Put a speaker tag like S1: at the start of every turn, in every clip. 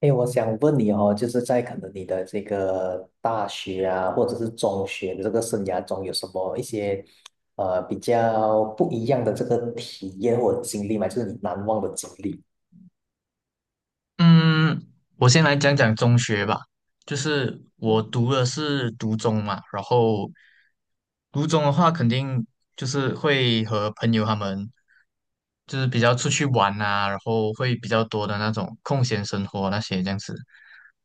S1: 哎，我想问你哦，就是在可能你的这个大学啊，或者是中学的这个生涯中，有什么一些比较不一样的这个体验或者经历吗？就是你难忘的经历。
S2: 嗯，我先来讲讲中学吧，就是我读的是读中嘛，然后读中的话，肯定就是会和朋友他们就是比较出去玩啊，然后会比较多的那种空闲生活那些这样子。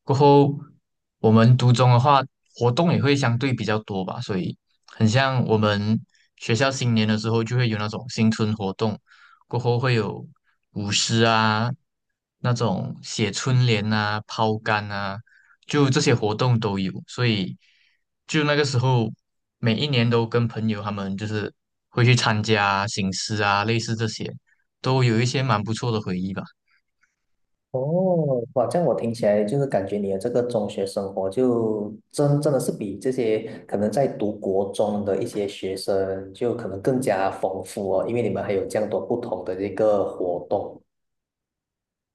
S2: 过后，我们读中的话，活动也会相对比较多吧，所以很像我们学校新年的时候就会有那种新春活动，过后会有舞狮啊，那种写春联啊、抛竿啊，就这些活动都有，所以就那个时候，每一年都跟朋友他们就是会去参加行狮啊，类似这些，都有一些蛮不错的回忆吧。
S1: 哦，哇，这样我听起来就是感觉你的这个中学生活就真的是比这些可能在读国中的一些学生就可能更加丰富哦，因为你们还有这样多不同的这个活动。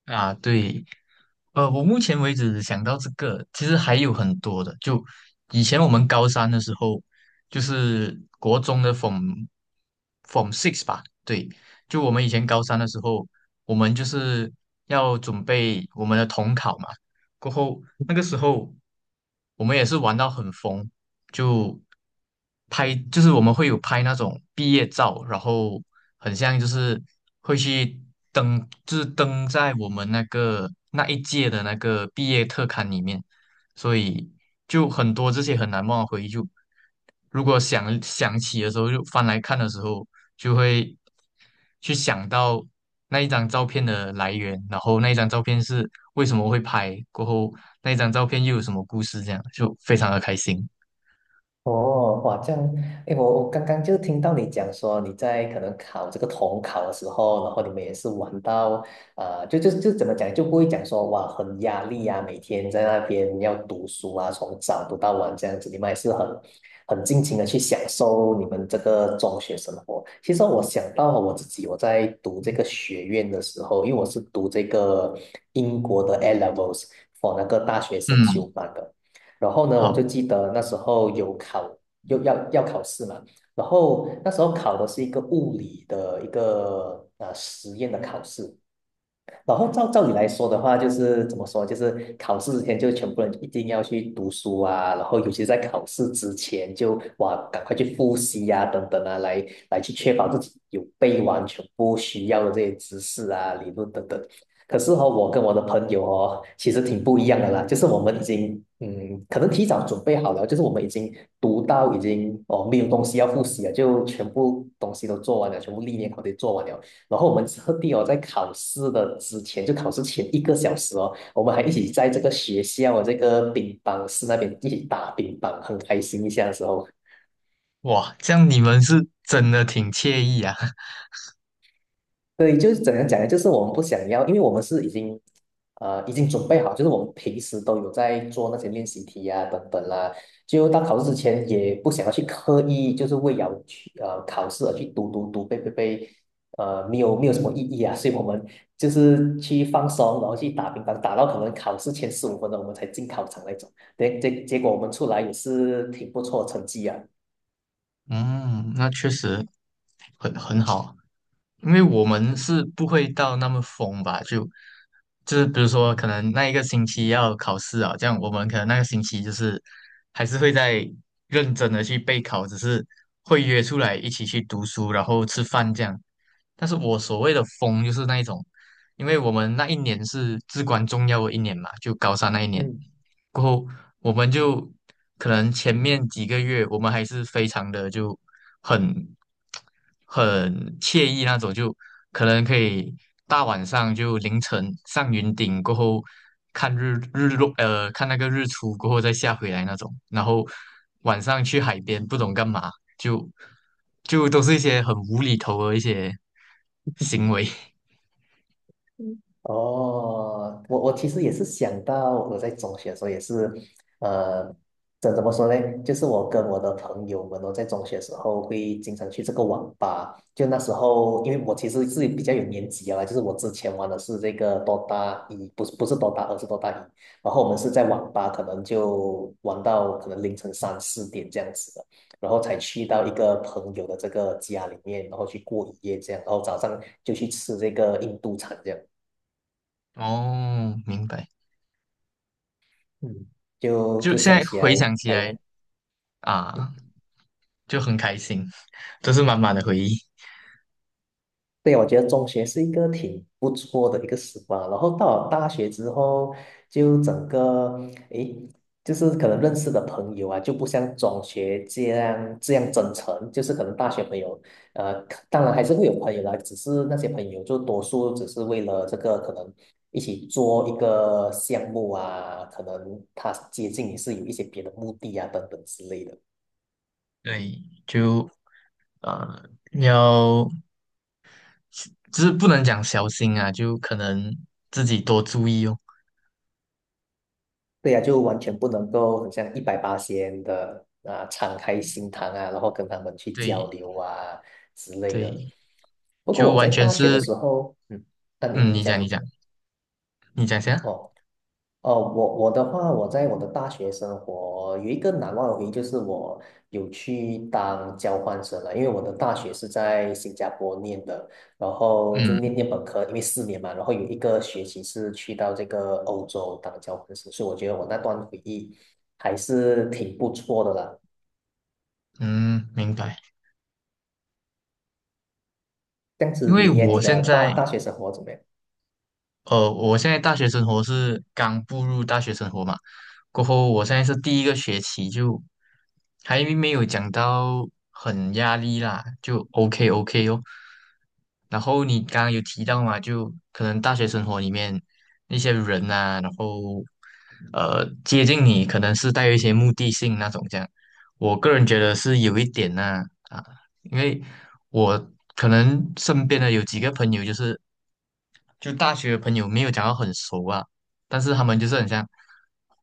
S2: 啊，对，我目前为止想到这个，其实还有很多的。就以前我们高三的时候，就是国中的 Form Six 吧，对，就我们以前高三的时候，我们就是要准备我们的统考嘛。过后那个时候，我们也是玩到很疯，就就是我们会有拍那种毕业照，然后很像就是会去登，就是登在我们那个那一届的那个毕业特刊里面，所以就很多这些很难忘的回忆就，如果想起的时候，就翻来看的时候，就会去想到那一张照片的来源，然后那一张照片是为什么会拍，过后那一张照片又有什么故事，这样就非常的开心。
S1: 哦，哇，这样，哎，我刚刚就听到你讲说你在可能考这个统考的时候，然后你们也是玩到，就怎么讲，就不会讲说哇很压力啊，每天在那边要读书啊，从早读到晚这样子，你们也是很尽情的去享受你们这个中学生活。其实我想到了我自己，我在读这个学院的时候，因为我是读这个英国的 A levels for 那个大学先修
S2: 嗯。
S1: 班的。然后呢，我
S2: 好，
S1: 就记得那时候有考，又要考试嘛，然后那时候考的是一个物理的一个实验的考试，然后照理来说的话，就是怎么说，就是考试之前就全部人一定要去读书啊，然后尤其在考试之前就哇，赶快去复习呀、等等啊，来去确保自己有背完全部需要的这些知识啊、理论等等。可是哦，我跟我的朋友哦，其实挺不一样的啦，就是我们已经可能提早准备好了，就是我们已经读到已经哦没有东西要复习了，就全部东西都做完了，全部历年考题做完了。然后我们特地哦，在考试的之前，就考试前一个小时哦，我们还一起在这个学校这个乒乓室那边一起打乒乓，很开心一下的时候。
S2: 哇，这样你们是真的挺惬意啊。
S1: 对，就是怎样讲呢？就是我们不想要，因为我们是已经，已经准备好，就是我们平时都有在做那些练习题呀、等等啦。就到考试之前，也不想要去刻意，就是为了去考试而去读读读背背背，没有没有什么意义啊。所以我们就是去放松，然后去打乒乓，打到可能考试前15分钟我们才进考场那种。对，结果我们出来也是挺不错的成绩啊。
S2: 嗯，那确实很好，因为我们是不会到那么疯吧？就是比如说，可能那一个星期要考试啊，这样我们可能那个星期就是还是会在认真的去备考，只是会约出来一起去读书，然后吃饭这样。但是我所谓的疯，就是那一种，因为我们那一年是至关重要的一年嘛，就高三那一年过后。我们就可能前面几个月我们还是非常的就很很惬意那种，就可能可以大晚上就凌晨上云顶过后看日日落，呃，看那个日出过后再下回来那种，然后晚上去海边不懂干嘛，就就都是一些很无厘头的一些行为。
S1: 哦，我其实也是想到我在中学的时候也是，呃，怎么说呢？就是我跟我的朋友们哦，在中学的时候会经常去这个网吧。就那时候，因为我其实是比较有年纪啊，就是我之前玩的是这个 DOTA 一，不是 DOTA 二，是 DOTA 一。然后我们是在网吧，可能就玩到可能凌晨3、4点这样子的，然后才去到一个朋友的这个家里面，然后去过一夜这样，然后早上就去吃这个印度餐这样。
S2: 哦，明白。
S1: 嗯，就
S2: 就
S1: 就
S2: 现
S1: 想
S2: 在
S1: 起
S2: 回
S1: 来，
S2: 想起来
S1: 哎，
S2: 啊。
S1: 嗯，
S2: 就很开心，都是满满的回忆。
S1: 对，我觉得中学是一个挺不错的一个时光。然后到了大学之后，就整个，诶，就是可能认识的朋友啊，就不像中学这样真诚。就是可能大学朋友，可当然还是会有朋友啦，只是那些朋友就多数只是为了这个可能一起做一个项目啊，可能他接近你是有一些别的目的啊，等等之类的。
S2: 对，就要就是不能讲小心啊，就可能自己多注意哦。
S1: 对呀、就完全不能够很像一百八仙的啊，敞开心膛啊，然后跟他们去交
S2: 对
S1: 流啊之类的。
S2: 对，
S1: 不过
S2: 就
S1: 我在
S2: 完全
S1: 大学的
S2: 是，
S1: 时候，嗯，啊你
S2: 嗯，
S1: 你
S2: 你
S1: 讲
S2: 讲
S1: 你
S2: 你
S1: 讲。
S2: 讲你讲先啊。
S1: 哦。哦，我的话，我在我的大学生活有一个难忘的回忆，就是我有去当交换生了，因为我的大学是在新加坡念的，然后就是
S2: 嗯
S1: 念本科，因为4年嘛，然后有一个学期是去到这个欧洲当交换生，所以我觉得我那段回忆还是挺不错的啦。
S2: 嗯，明白。
S1: 这样
S2: 因
S1: 子
S2: 为
S1: 你耶，
S2: 我
S1: 你
S2: 现
S1: 的大
S2: 在
S1: 大学生活怎么样？
S2: 呃，我现在大学生活是刚步入大学生活嘛，过后我现在是第一个学期就还没有讲到很压力啦，就 OK OK 哦。然后你刚刚有提到嘛，就可能大学生活里面那些人啊，然后接近你可能是带有一些目的性那种这样，我个人觉得是有一点呐啊，因为我可能身边的有几个朋友就是。就大学的朋友没有讲到很熟啊，但是他们就是很像，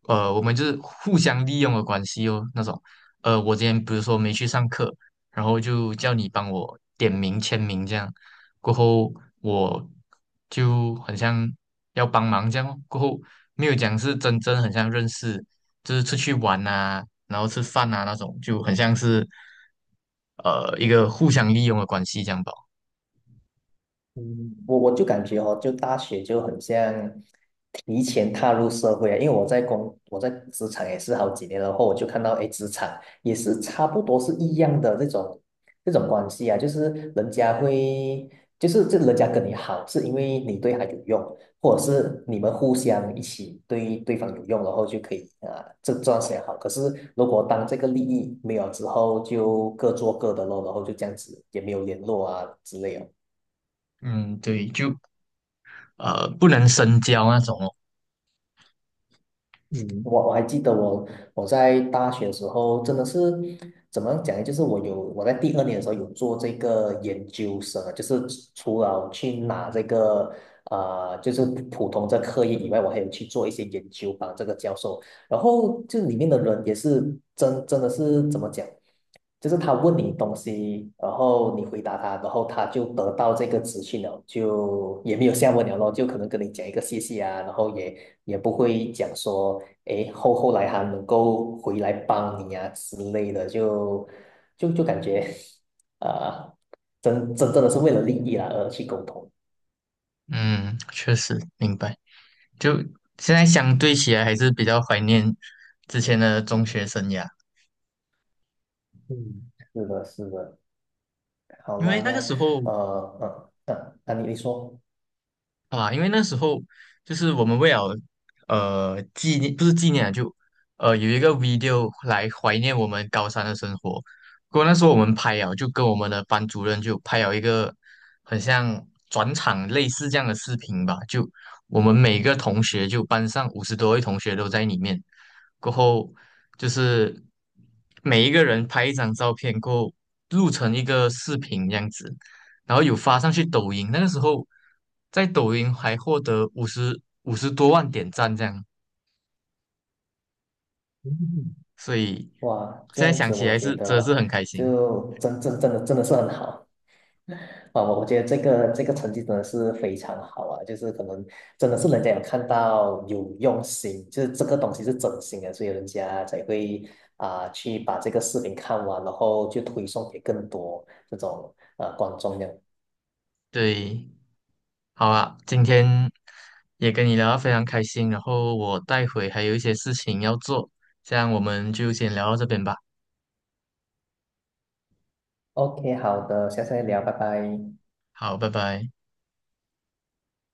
S2: 我们就是互相利用的关系哦，那种，我今天比如说没去上课，然后就叫你帮我点名签名这样，过后我就很像要帮忙这样哦过后没有讲是真正很像认识，就是出去玩啊，然后吃饭啊那种，就很像是，一个互相利用的关系这样吧。
S1: 嗯，我就感觉哦，就大学就很像提前踏入社会啊，因为我在职场也是好几年了，然后我就看到，哎，职场也是差不多是一样的这种关系啊，就是人家会，就是这人家跟你好，是因为你对他有用，或者是你们互相一起对对方有用，然后就可以啊，这段时间好。可是如果当这个利益没有之后，就各做各的咯，然后就这样子也没有联络啊之类的。
S2: 嗯，对，就不能深交那种哦。
S1: 嗯，我还记得我在大学的时候真的是怎么讲呢？就是我在第二年的时候有做这个研究生啊就是除了去拿这个就是普通这课业以外，我还有去做一些研究帮这个教授，然后就里面的人也是真的是怎么讲，就是他问你东西，然后你回答他，然后他就得到这个资讯了，就也没有下文了咯，就可能跟你讲一个谢谢啊，然后也不会讲说。诶，后来还能够回来帮你啊之类的，就感觉，呃，真正的是为了利益啦而去沟通。
S2: 嗯，确实明白。就现在相对起来，还是比较怀念之前的中学生涯，
S1: 嗯，是的，是的。好
S2: 因
S1: 啦，
S2: 为
S1: 那呃那你说，
S2: 那时候就是我们为了纪念，不是纪念啊，就有一个 video 来怀念我们高三的生活。不过那时候我们拍啊，就跟我们的班主任就拍了一个很像转场类似这样的视频吧，就我们每个同学就班上50多位同学都在里面。过后就是每一个人拍一张照片，过后录成一个视频这样子，然后有发上去抖音。那个时候在抖音还获得50多万点赞这样，
S1: 嗯
S2: 所以
S1: 哇，这
S2: 现在
S1: 样
S2: 想
S1: 子
S2: 起
S1: 我
S2: 来
S1: 觉
S2: 是真的是
S1: 得
S2: 很开心。
S1: 就真的是很好。啊，我觉得这个成绩真的是非常好啊，就是可能真的是人家有看到有用心，就是这个东西是真心的，所以人家才会啊、去把这个视频看完，然后就推送给更多这种观众这样。
S2: 对，好啊，今天也跟你聊得非常开心，然后我待会还有一些事情要做，这样我们就先聊到这边吧。
S1: OK,好的，下次再聊，拜拜。
S2: 好，拜拜。